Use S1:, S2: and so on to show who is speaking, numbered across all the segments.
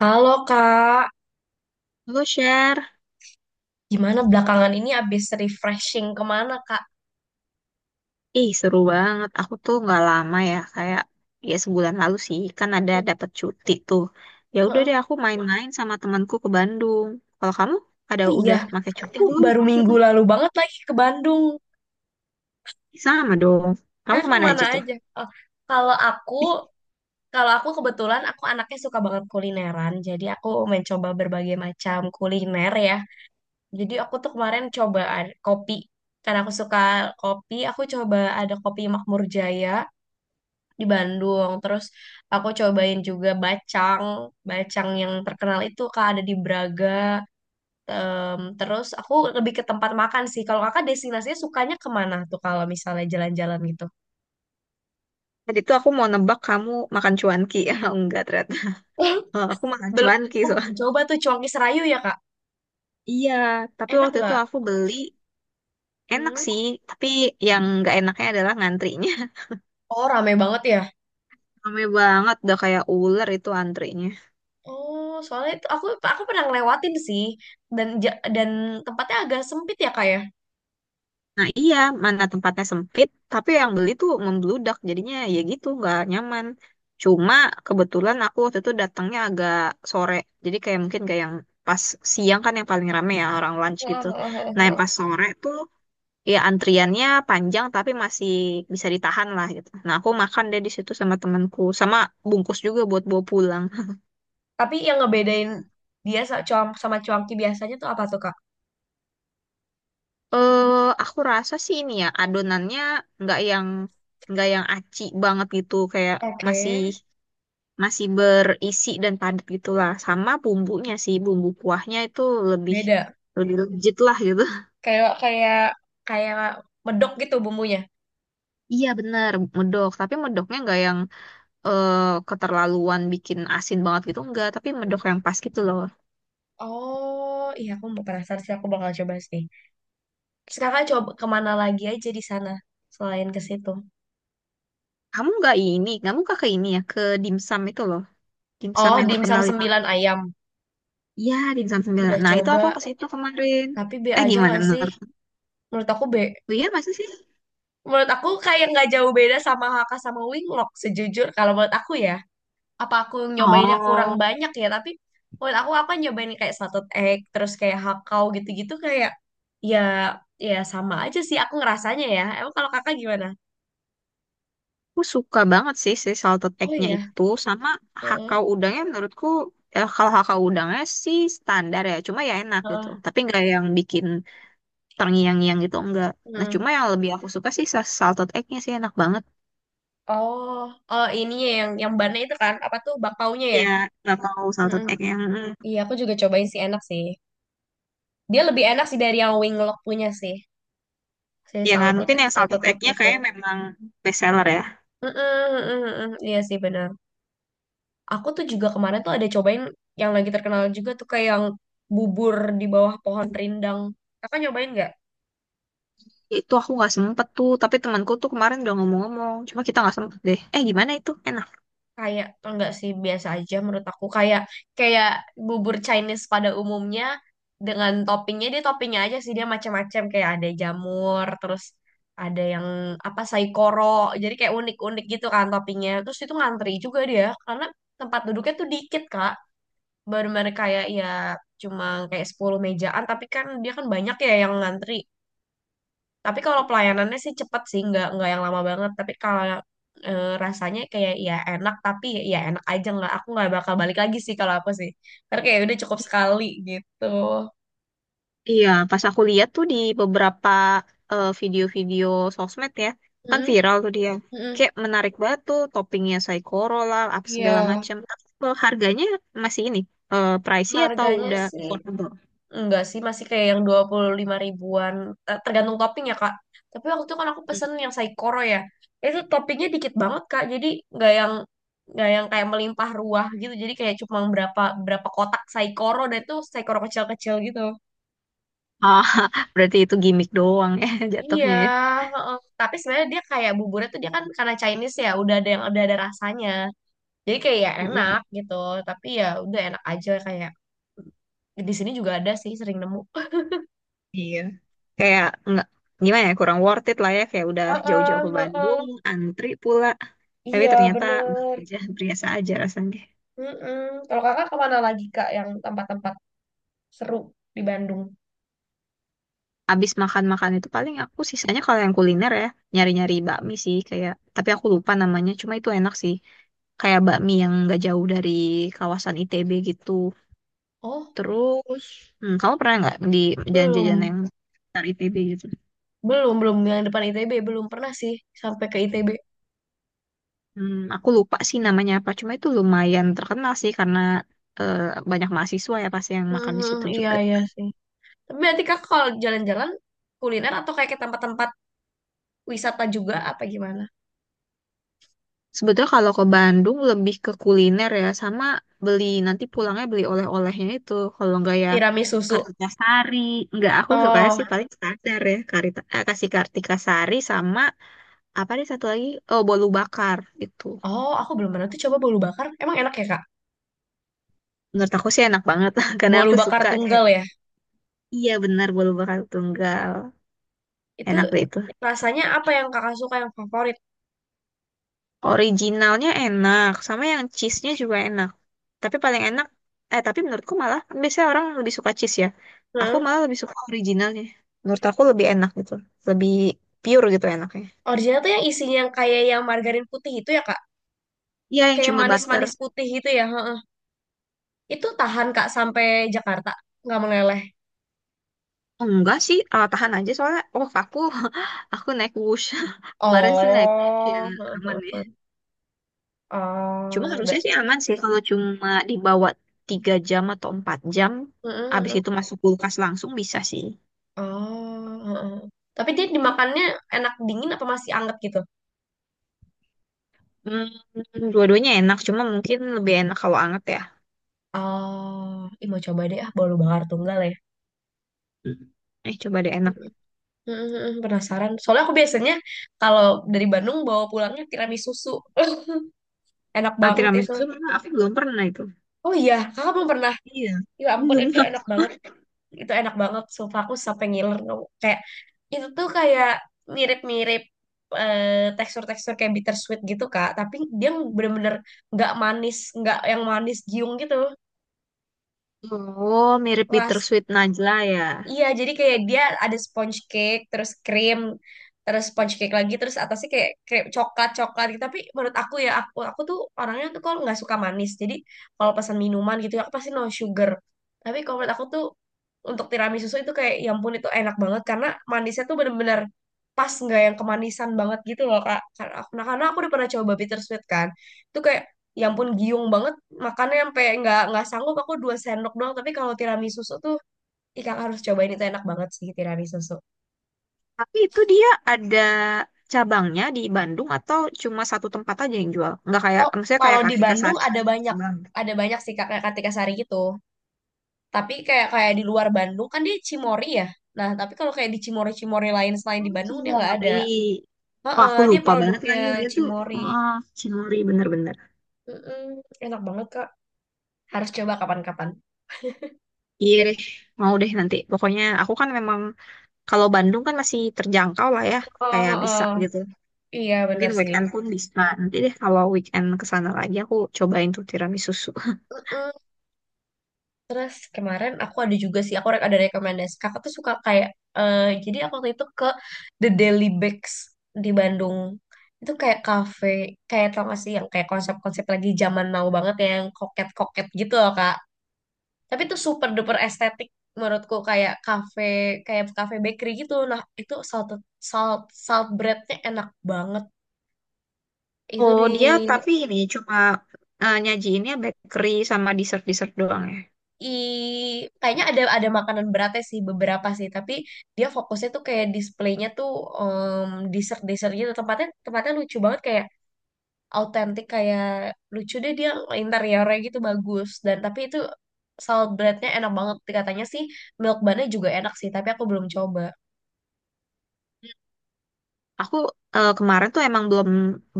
S1: Halo Kak,
S2: Halo share,
S1: gimana belakangan ini abis refreshing kemana Kak?
S2: ih seru banget. Aku tuh nggak lama ya, kayak sebulan lalu sih, kan ada dapat cuti tuh. Ya udah deh,
S1: Heeh.
S2: aku main-main sama temanku ke Bandung. Kalau kamu
S1: Oh iya,
S2: udah pakai cuti
S1: aku
S2: belum?
S1: baru minggu
S2: Mm-mm.
S1: lalu banget lagi ke Bandung.
S2: Sama dong. Kamu
S1: Nah,
S2: kemana
S1: kemana
S2: aja tuh?
S1: aja? Oh, kalau aku, kalau aku kebetulan aku anaknya suka banget kulineran, jadi aku mencoba berbagai macam kuliner ya. Jadi aku tuh kemarin coba kopi, karena aku suka kopi, aku coba ada kopi Makmur Jaya di Bandung. Terus aku cobain juga bacang, bacang yang terkenal itu Kak ada di Braga. Terus aku lebih ke tempat makan sih. Kalau kakak destinasinya sukanya kemana tuh kalau misalnya jalan-jalan gitu?
S2: Tadi tuh aku mau nebak kamu makan cuanki, ya enggak ternyata. Aku makan
S1: Belum,
S2: cuanki
S1: aku belum
S2: soalnya.
S1: coba tuh Cuanki Serayu ya Kak.
S2: Iya, tapi
S1: Enak
S2: waktu itu
S1: nggak?
S2: aku beli enak
S1: Hmm.
S2: sih, tapi yang nggak enaknya adalah ngantrinya.
S1: Oh, rame banget ya.
S2: Rame banget, udah kayak ular itu antrinya.
S1: Oh, soalnya itu aku pernah ngelewatin sih dan tempatnya agak sempit ya Kak ya.
S2: Nah iya, mana tempatnya sempit, tapi yang beli tuh membludak, jadinya ya gitu, nggak nyaman. Cuma kebetulan aku waktu itu datangnya agak sore, jadi kayak mungkin kayak yang pas siang kan yang paling rame ya orang lunch gitu. Nah yang pas sore tuh ya antriannya panjang tapi masih bisa ditahan lah gitu. Nah aku makan deh di situ sama temanku, sama bungkus juga buat bawa pulang.
S1: Tapi yang ngebedain dia sama cuanki biasanya tuh apa tuh Kak?
S2: Eh aku rasa sih ini ya adonannya nggak yang nggak yang aci banget gitu, kayak
S1: Oke,
S2: masih masih berisi dan padat gitulah sama bumbunya sih bumbu kuahnya itu lebih
S1: beda.
S2: lebih legit lah gitu.
S1: Kayak kayak kayak medok gitu bumbunya.
S2: Iya bener medok tapi medoknya nggak yang eh, keterlaluan bikin asin banget gitu enggak tapi medok yang pas gitu loh.
S1: Oh, iya aku mau penasaran sih aku bakal coba sih. Terus kakak coba kemana lagi aja di sana selain ke situ?
S2: Kamu nggak ini kamu nggak ke ini ya ke dimsum itu loh, dimsum
S1: Oh,
S2: yang
S1: dimsum
S2: terkenal itu.
S1: sembilan ayam.
S2: Iya dimsum sembilan,
S1: Udah
S2: nah itu
S1: coba,
S2: aku ke situ kemarin.
S1: tapi B
S2: Eh
S1: aja
S2: gimana
S1: nggak sih?
S2: menurut,
S1: Menurut aku B.
S2: iya masa sih.
S1: Menurut aku kayak nggak jauh beda sama Haka sama Winglok sejujur kalau menurut aku ya. Apa aku nyobainnya kurang
S2: Oh,
S1: banyak ya, tapi menurut aku kan nyobain kayak satu egg terus kayak hakau gitu-gitu. Kayak ya, ya sama aja sih aku ngerasanya. Ya, emang. Kalau kakak gimana?
S2: aku suka banget sih si salted
S1: Oh
S2: egg-nya
S1: iya.
S2: itu sama
S1: Heeh.
S2: hakau udangnya menurutku. Kalau hakau udangnya sih standar ya, cuma ya enak gitu
S1: Heeh.
S2: tapi nggak yang bikin terngiang-ngiang gitu enggak. Nah
S1: Heeh.
S2: cuma yang lebih aku suka sih salted egg-nya sih enak banget
S1: Oh, oh, ini ya yang bannya itu kan apa tuh bakpaunya ya.
S2: ya. Nggak mau salted
S1: Heeh.
S2: egg yang
S1: Iya aku juga cobain sih enak sih, dia lebih enak sih dari yang winglock punya sih, si
S2: ya kan
S1: salted
S2: mungkin
S1: egg
S2: yang salted
S1: salted egg
S2: egg-nya
S1: itu.
S2: kayak memang best seller ya.
S1: Heeh, heeh, heeh. Iya sih, benar. Aku tuh juga kemarin tuh ada cobain yang lagi terkenal juga tuh kayak yang bubur di bawah pohon rindang. Kakak nyobain nggak?
S2: Itu aku nggak sempet tuh, tapi temanku tuh kemarin udah ngomong-ngomong cuma kita nggak sempet deh. Eh gimana itu, enak?
S1: Kayak enggak sih, biasa aja menurut aku, kayak kayak bubur Chinese pada umumnya dengan toppingnya, dia toppingnya aja sih, dia macam-macam kayak ada jamur, terus ada yang apa saikoro, jadi kayak unik-unik gitu kan toppingnya. Terus itu ngantri juga dia karena tempat duduknya tuh dikit Kak, baru-baru kayak ya cuma kayak 10 mejaan tapi kan dia kan banyak ya yang ngantri. Tapi kalau pelayanannya sih cepet sih, nggak yang lama banget. Tapi kalau rasanya kayak ya enak, tapi ya, ya enak aja nggak. Aku nggak bakal balik lagi sih kalau aku sih. Karena kayak udah cukup sekali gitu.
S2: Iya, pas aku lihat tuh di beberapa video-video sosmed ya, kan
S1: Mm-mm,
S2: viral tuh dia.
S1: mm-mm.
S2: Kayak menarik banget tuh toppingnya Saikoro lah, apa segala
S1: Iya.
S2: macam. Tapi kalau harganya masih ini, pricey atau
S1: Harganya
S2: udah
S1: sih.
S2: affordable?
S1: Enggak sih, masih kayak yang 25 ribuan. Tergantung topping ya, Kak. Tapi waktu itu kan aku
S2: Hmm.
S1: pesen yang saikoro ya. Itu toppingnya dikit banget, Kak. Jadi nggak yang nggak yang kayak melimpah ruah gitu. Jadi kayak cuma berapa berapa kotak saikoro dan itu saikoro kecil-kecil gitu.
S2: Ah, berarti itu gimmick doang ya
S1: Iya,
S2: jatuhnya ya.
S1: heeh. Tapi sebenarnya dia kayak buburnya tuh dia kan karena Chinese ya, udah ada rasanya. Jadi kayak ya
S2: Mm-mm.
S1: enak gitu. Tapi ya udah enak aja, kayak di sini juga ada sih, sering nemu.
S2: Iya. Kayak nggak gimana ya, kurang worth it lah ya. Kayak udah jauh-jauh
S1: Heeh,
S2: ke
S1: heeh.
S2: Bandung, antri pula. Tapi
S1: Iya,
S2: ternyata biasa
S1: bener.
S2: aja, biasa aja rasanya.
S1: Mm-mm. Kalau kakak kemana lagi kak yang tempat-tempat seru di Bandung?
S2: Abis makan-makan itu paling aku sisanya kalau yang kuliner ya nyari-nyari bakmi sih kayak, tapi aku lupa namanya cuma itu enak sih. Kayak bakmi yang nggak jauh dari kawasan ITB gitu.
S1: Oh,
S2: Terus hmm, kamu pernah nggak di jajan-jajan
S1: belum.
S2: yang dari ITB gitu?
S1: Belum, belum. Yang depan ITB. Belum pernah sih sampai ke ITB.
S2: Hmm, aku lupa sih namanya apa cuma itu lumayan terkenal sih karena eh, banyak mahasiswa ya pasti yang makan di
S1: Mhm,
S2: situ
S1: iya,
S2: juga.
S1: iya sih. Tapi nanti kak kalau jalan-jalan kuliner atau kayak ke tempat-tempat wisata juga apa gimana?
S2: Sebetulnya kalau ke Bandung lebih ke kuliner ya, sama beli nanti pulangnya beli oleh-olehnya itu. Kalau enggak ya
S1: Tiramisu susu.
S2: Kartika Sari. Enggak, aku suka
S1: Oh.
S2: sih paling standar ya Karita, eh, kasih Kartika Sari sama apa nih satu lagi? Oh, bolu bakar itu.
S1: Oh, aku belum pernah tuh coba bolu bakar. Emang enak ya, Kak?
S2: Menurut aku sih enak banget karena
S1: Bolu
S2: aku
S1: bakar
S2: suka kayak
S1: tunggal ya.
S2: iya benar bolu bakar tunggal.
S1: Itu
S2: Enak deh itu.
S1: rasanya apa yang Kakak suka yang favorit?
S2: Originalnya enak, sama yang cheese-nya juga enak. Tapi paling enak, eh tapi menurutku malah kan biasanya orang lebih suka cheese ya. Aku
S1: Hmm?
S2: malah lebih suka originalnya. Menurut aku lebih enak gitu, lebih pure gitu enaknya.
S1: Original tuh yang isinya yang kayak yang margarin putih itu ya, Kak?
S2: Iya yang
S1: Kayak
S2: cuma butter.
S1: manis-manis putih gitu ya. Heeh. Itu tahan Kak sampai Jakarta, nggak meleleh?
S2: Enggak sih, tahan aja soalnya, oh aku, aku naik Whoosh. Kemarin sih naik Whoosh ya,
S1: Oh, heeh,
S2: aman ya.
S1: heeh.
S2: Cuma
S1: Oh,
S2: harusnya sih aman sih kalau cuma dibawa 3 jam atau 4 jam,
S1: heeh,
S2: abis
S1: heeh.
S2: itu masuk kulkas langsung bisa sih.
S1: Oh, heeh. Tapi dia dimakannya enak dingin apa masih anget gitu?
S2: Hmm, dua-duanya enak, cuma mungkin lebih enak kalau anget ya.
S1: Oh, ih, mau coba deh ah, bolu bakar tunggal ya.
S2: Hmm. Eh, coba deh enak.
S1: Heeh, heeh. Penasaran. Soalnya aku biasanya kalau dari Bandung bawa pulangnya tiramisu susu. Enak
S2: Ah,
S1: banget itu.
S2: tiramisu pernah. Aku belum pernah itu.
S1: Oh iya, kakak belum pernah.
S2: Iya,
S1: Ya ampun,
S2: belum.
S1: itu enak banget. Itu enak banget sumpah, aku sampai ngiler tau. Kayak itu tuh kayak mirip-mirip, tekstur-tekstur kayak bittersweet gitu kak, tapi dia bener-bener nggak manis, nggak yang manis giung gitu.
S2: Oh, mirip
S1: ras
S2: bittersweet Najla ya.
S1: Iya, jadi kayak dia ada sponge cake, terus krim, terus sponge cake lagi, terus atasnya kayak krim coklat coklat gitu. Tapi menurut aku ya, aku tuh orangnya tuh kalau nggak suka manis. Jadi kalau pesan minuman gitu, aku pasti no sugar. Tapi kalau menurut aku tuh untuk tiramisu itu kayak, ya ampun itu enak banget karena manisnya tuh bener-bener pas nggak yang kemanisan banget gitu loh kak. Karena aku udah pernah coba bittersweet kan, itu kayak ya ampun giung banget makannya sampai nggak sanggup aku dua sendok doang, tapi kalau tiramisu tuh Ikan harus cobain, itu enak banget sih tiramisu susu.
S2: Tapi itu dia ada cabangnya di Bandung atau cuma satu tempat aja yang jual? Nggak kayak,
S1: Oh.
S2: maksudnya
S1: Kalau
S2: kayak
S1: di
S2: Kartika
S1: Bandung
S2: Sari yang banyak cabang.
S1: ada banyak sih Kak, kayak Kartika Sari gitu. Tapi kayak kayak di luar Bandung kan dia Cimori ya. Nah, tapi kalau kayak di Cimori-Cimori lain selain di
S2: Oh,
S1: Bandung dia nggak ada.
S2: Cilori. Wah,
S1: Heeh,
S2: aku
S1: dia
S2: lupa banget
S1: produknya
S2: lagi dia tuh.
S1: Cimori.
S2: Ah, Cinori bener-bener.
S1: Mm-mm, enak banget Kak. Harus coba kapan-kapan.
S2: Iya deh, mau deh nanti. Pokoknya aku kan memang kalau Bandung kan masih terjangkau lah ya,
S1: Oh,
S2: kayak bisa
S1: heeh.
S2: gitu.
S1: Iya bener
S2: Mungkin
S1: sih.
S2: weekend pun bisa. Nanti deh kalau weekend ke sana lagi aku cobain tuh tiramisu susu.
S1: Mm-mm. Terus kemarin aku ada juga sih, ada rekomendasi. Kakak tuh suka kayak, eh jadi aku waktu itu ke The Daily Bakes di Bandung. Itu kayak cafe, kayak tau gak sih yang kayak konsep-konsep lagi zaman now banget ya, yang koket-koket gitu loh Kak. Tapi itu super duper estetik menurutku kayak cafe bakery gitu. Nah itu salt breadnya enak banget. Itu
S2: Oh,
S1: di.
S2: dia
S1: Oh.
S2: tapi ini cuma nyajiinnya bakery sama dessert-dessert doang ya.
S1: i Kayaknya ada makanan beratnya sih beberapa sih tapi dia fokusnya tuh kayak displaynya tuh dessert dessert gitu, tempatnya tempatnya lucu banget kayak autentik kayak lucu deh dia interiornya gitu bagus dan tapi itu salad breadnya enak banget katanya sih, milk bunnya juga enak sih tapi aku belum coba.
S2: Aku eh, kemarin tuh emang belum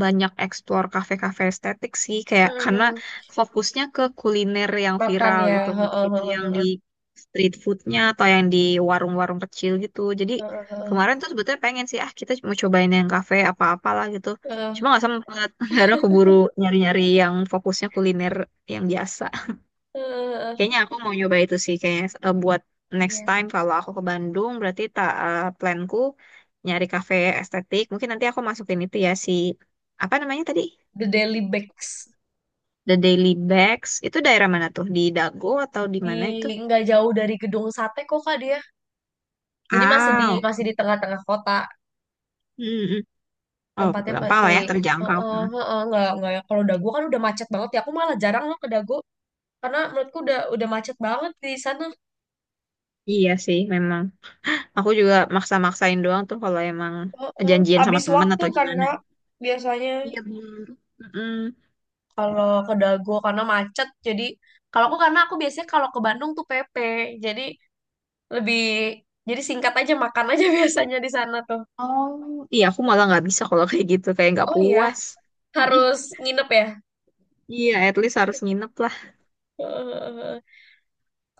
S2: banyak explore kafe-kafe estetik sih, kayak karena
S1: Mhm.
S2: fokusnya ke kuliner yang
S1: Makan
S2: viral
S1: ya.
S2: gitu, entah
S1: Heeh,
S2: itu
S1: heeh,
S2: yang di
S1: heeh,
S2: street foodnya atau yang di warung-warung kecil gitu. Jadi
S1: heeh, heeh,
S2: kemarin tuh sebetulnya pengen sih, ah kita mau cobain yang kafe apa-apalah gitu. Cuma
S1: heeh,
S2: nggak sempet, karena keburu nyari-nyari yang fokusnya kuliner yang biasa.
S1: heeh.
S2: Kayaknya aku mau nyoba itu sih kayaknya, buat next
S1: Iya,
S2: time kalau aku ke Bandung berarti tak planku nyari kafe estetik. Mungkin nanti aku masukin itu ya, si apa namanya tadi?
S1: The Daily Bakes
S2: The Daily Bags. Itu daerah mana tuh? Di Dago atau di mana itu?
S1: di nggak jauh dari gedung sate kok kak dia. Jadi masih di
S2: Ah,
S1: masih
S2: oke.
S1: di tengah-tengah kota.
S2: Mm-mm. Oh,
S1: Tempatnya
S2: gampang lah
S1: masih
S2: ya terjangkau
S1: heeh
S2: kan.
S1: heeh. Nggak yang- Kalau Dago kan udah macet banget ya. Aku malah jarang loh ke Dago karena menurutku udah macet banget di sana.
S2: Iya sih, memang. Aku juga maksa-maksain doang tuh kalau emang
S1: Heeh.
S2: janjian sama
S1: Habis
S2: teman
S1: waktu
S2: atau
S1: kan
S2: gimana.
S1: Kak, biasanya
S2: Iya bener. Mm-mm.
S1: kalau ke Dago karena macet. Jadi kalau aku karena aku biasanya kalau ke Bandung tuh PP. Jadi lebih jadi singkat aja makan aja biasanya di sana tuh.
S2: Oh, iya aku malah nggak bisa kalau kayak gitu, kayak nggak
S1: Oh iya,
S2: puas.
S1: harus nginep ya.
S2: Iya, at least harus nginep lah.
S1: Heeh.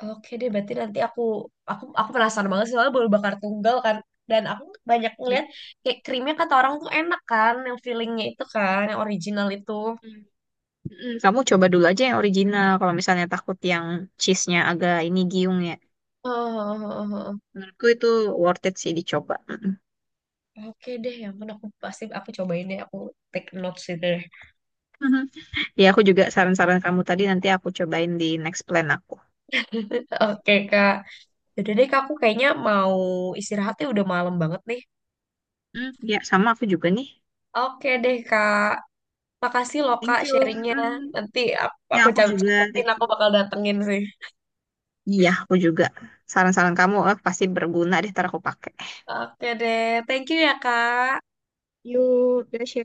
S1: Oke deh, berarti nanti aku penasaran banget sih soalnya baru bakar tunggal kan dan aku banyak
S2: Hmm.
S1: ngeliat kayak krimnya kata orang tuh enak kan yang fillingnya itu kan yang original itu.
S2: Mm, kamu coba dulu aja yang original. Kalau misalnya takut yang cheese-nya agak ini giung ya.
S1: Oh.
S2: Menurutku itu worth it sih dicoba. Mm-mm.
S1: Oke deh, ya ampun aku pasti aku cobain deh, aku take notes itu deh.
S2: Mhm. Ya, aku juga saran-saran kamu tadi nanti aku cobain di next plan aku.
S1: Oke Kak, yaudah deh Kak, aku kayaknya mau istirahatnya udah malam banget nih.
S2: Mm, ya, sama aku juga nih.
S1: Oke deh Kak, makasih loh
S2: Thank
S1: Kak
S2: you.
S1: sharingnya.
S2: Mm,
S1: Nanti aku
S2: ya, aku juga.
S1: catat,
S2: Thank
S1: aku
S2: you.
S1: bakal datengin sih.
S2: Iya, aku juga. Saran-saran kamu pasti berguna deh, ntar aku pakai.
S1: Oke deh, thank you ya Kak.
S2: Yuk, Dasya.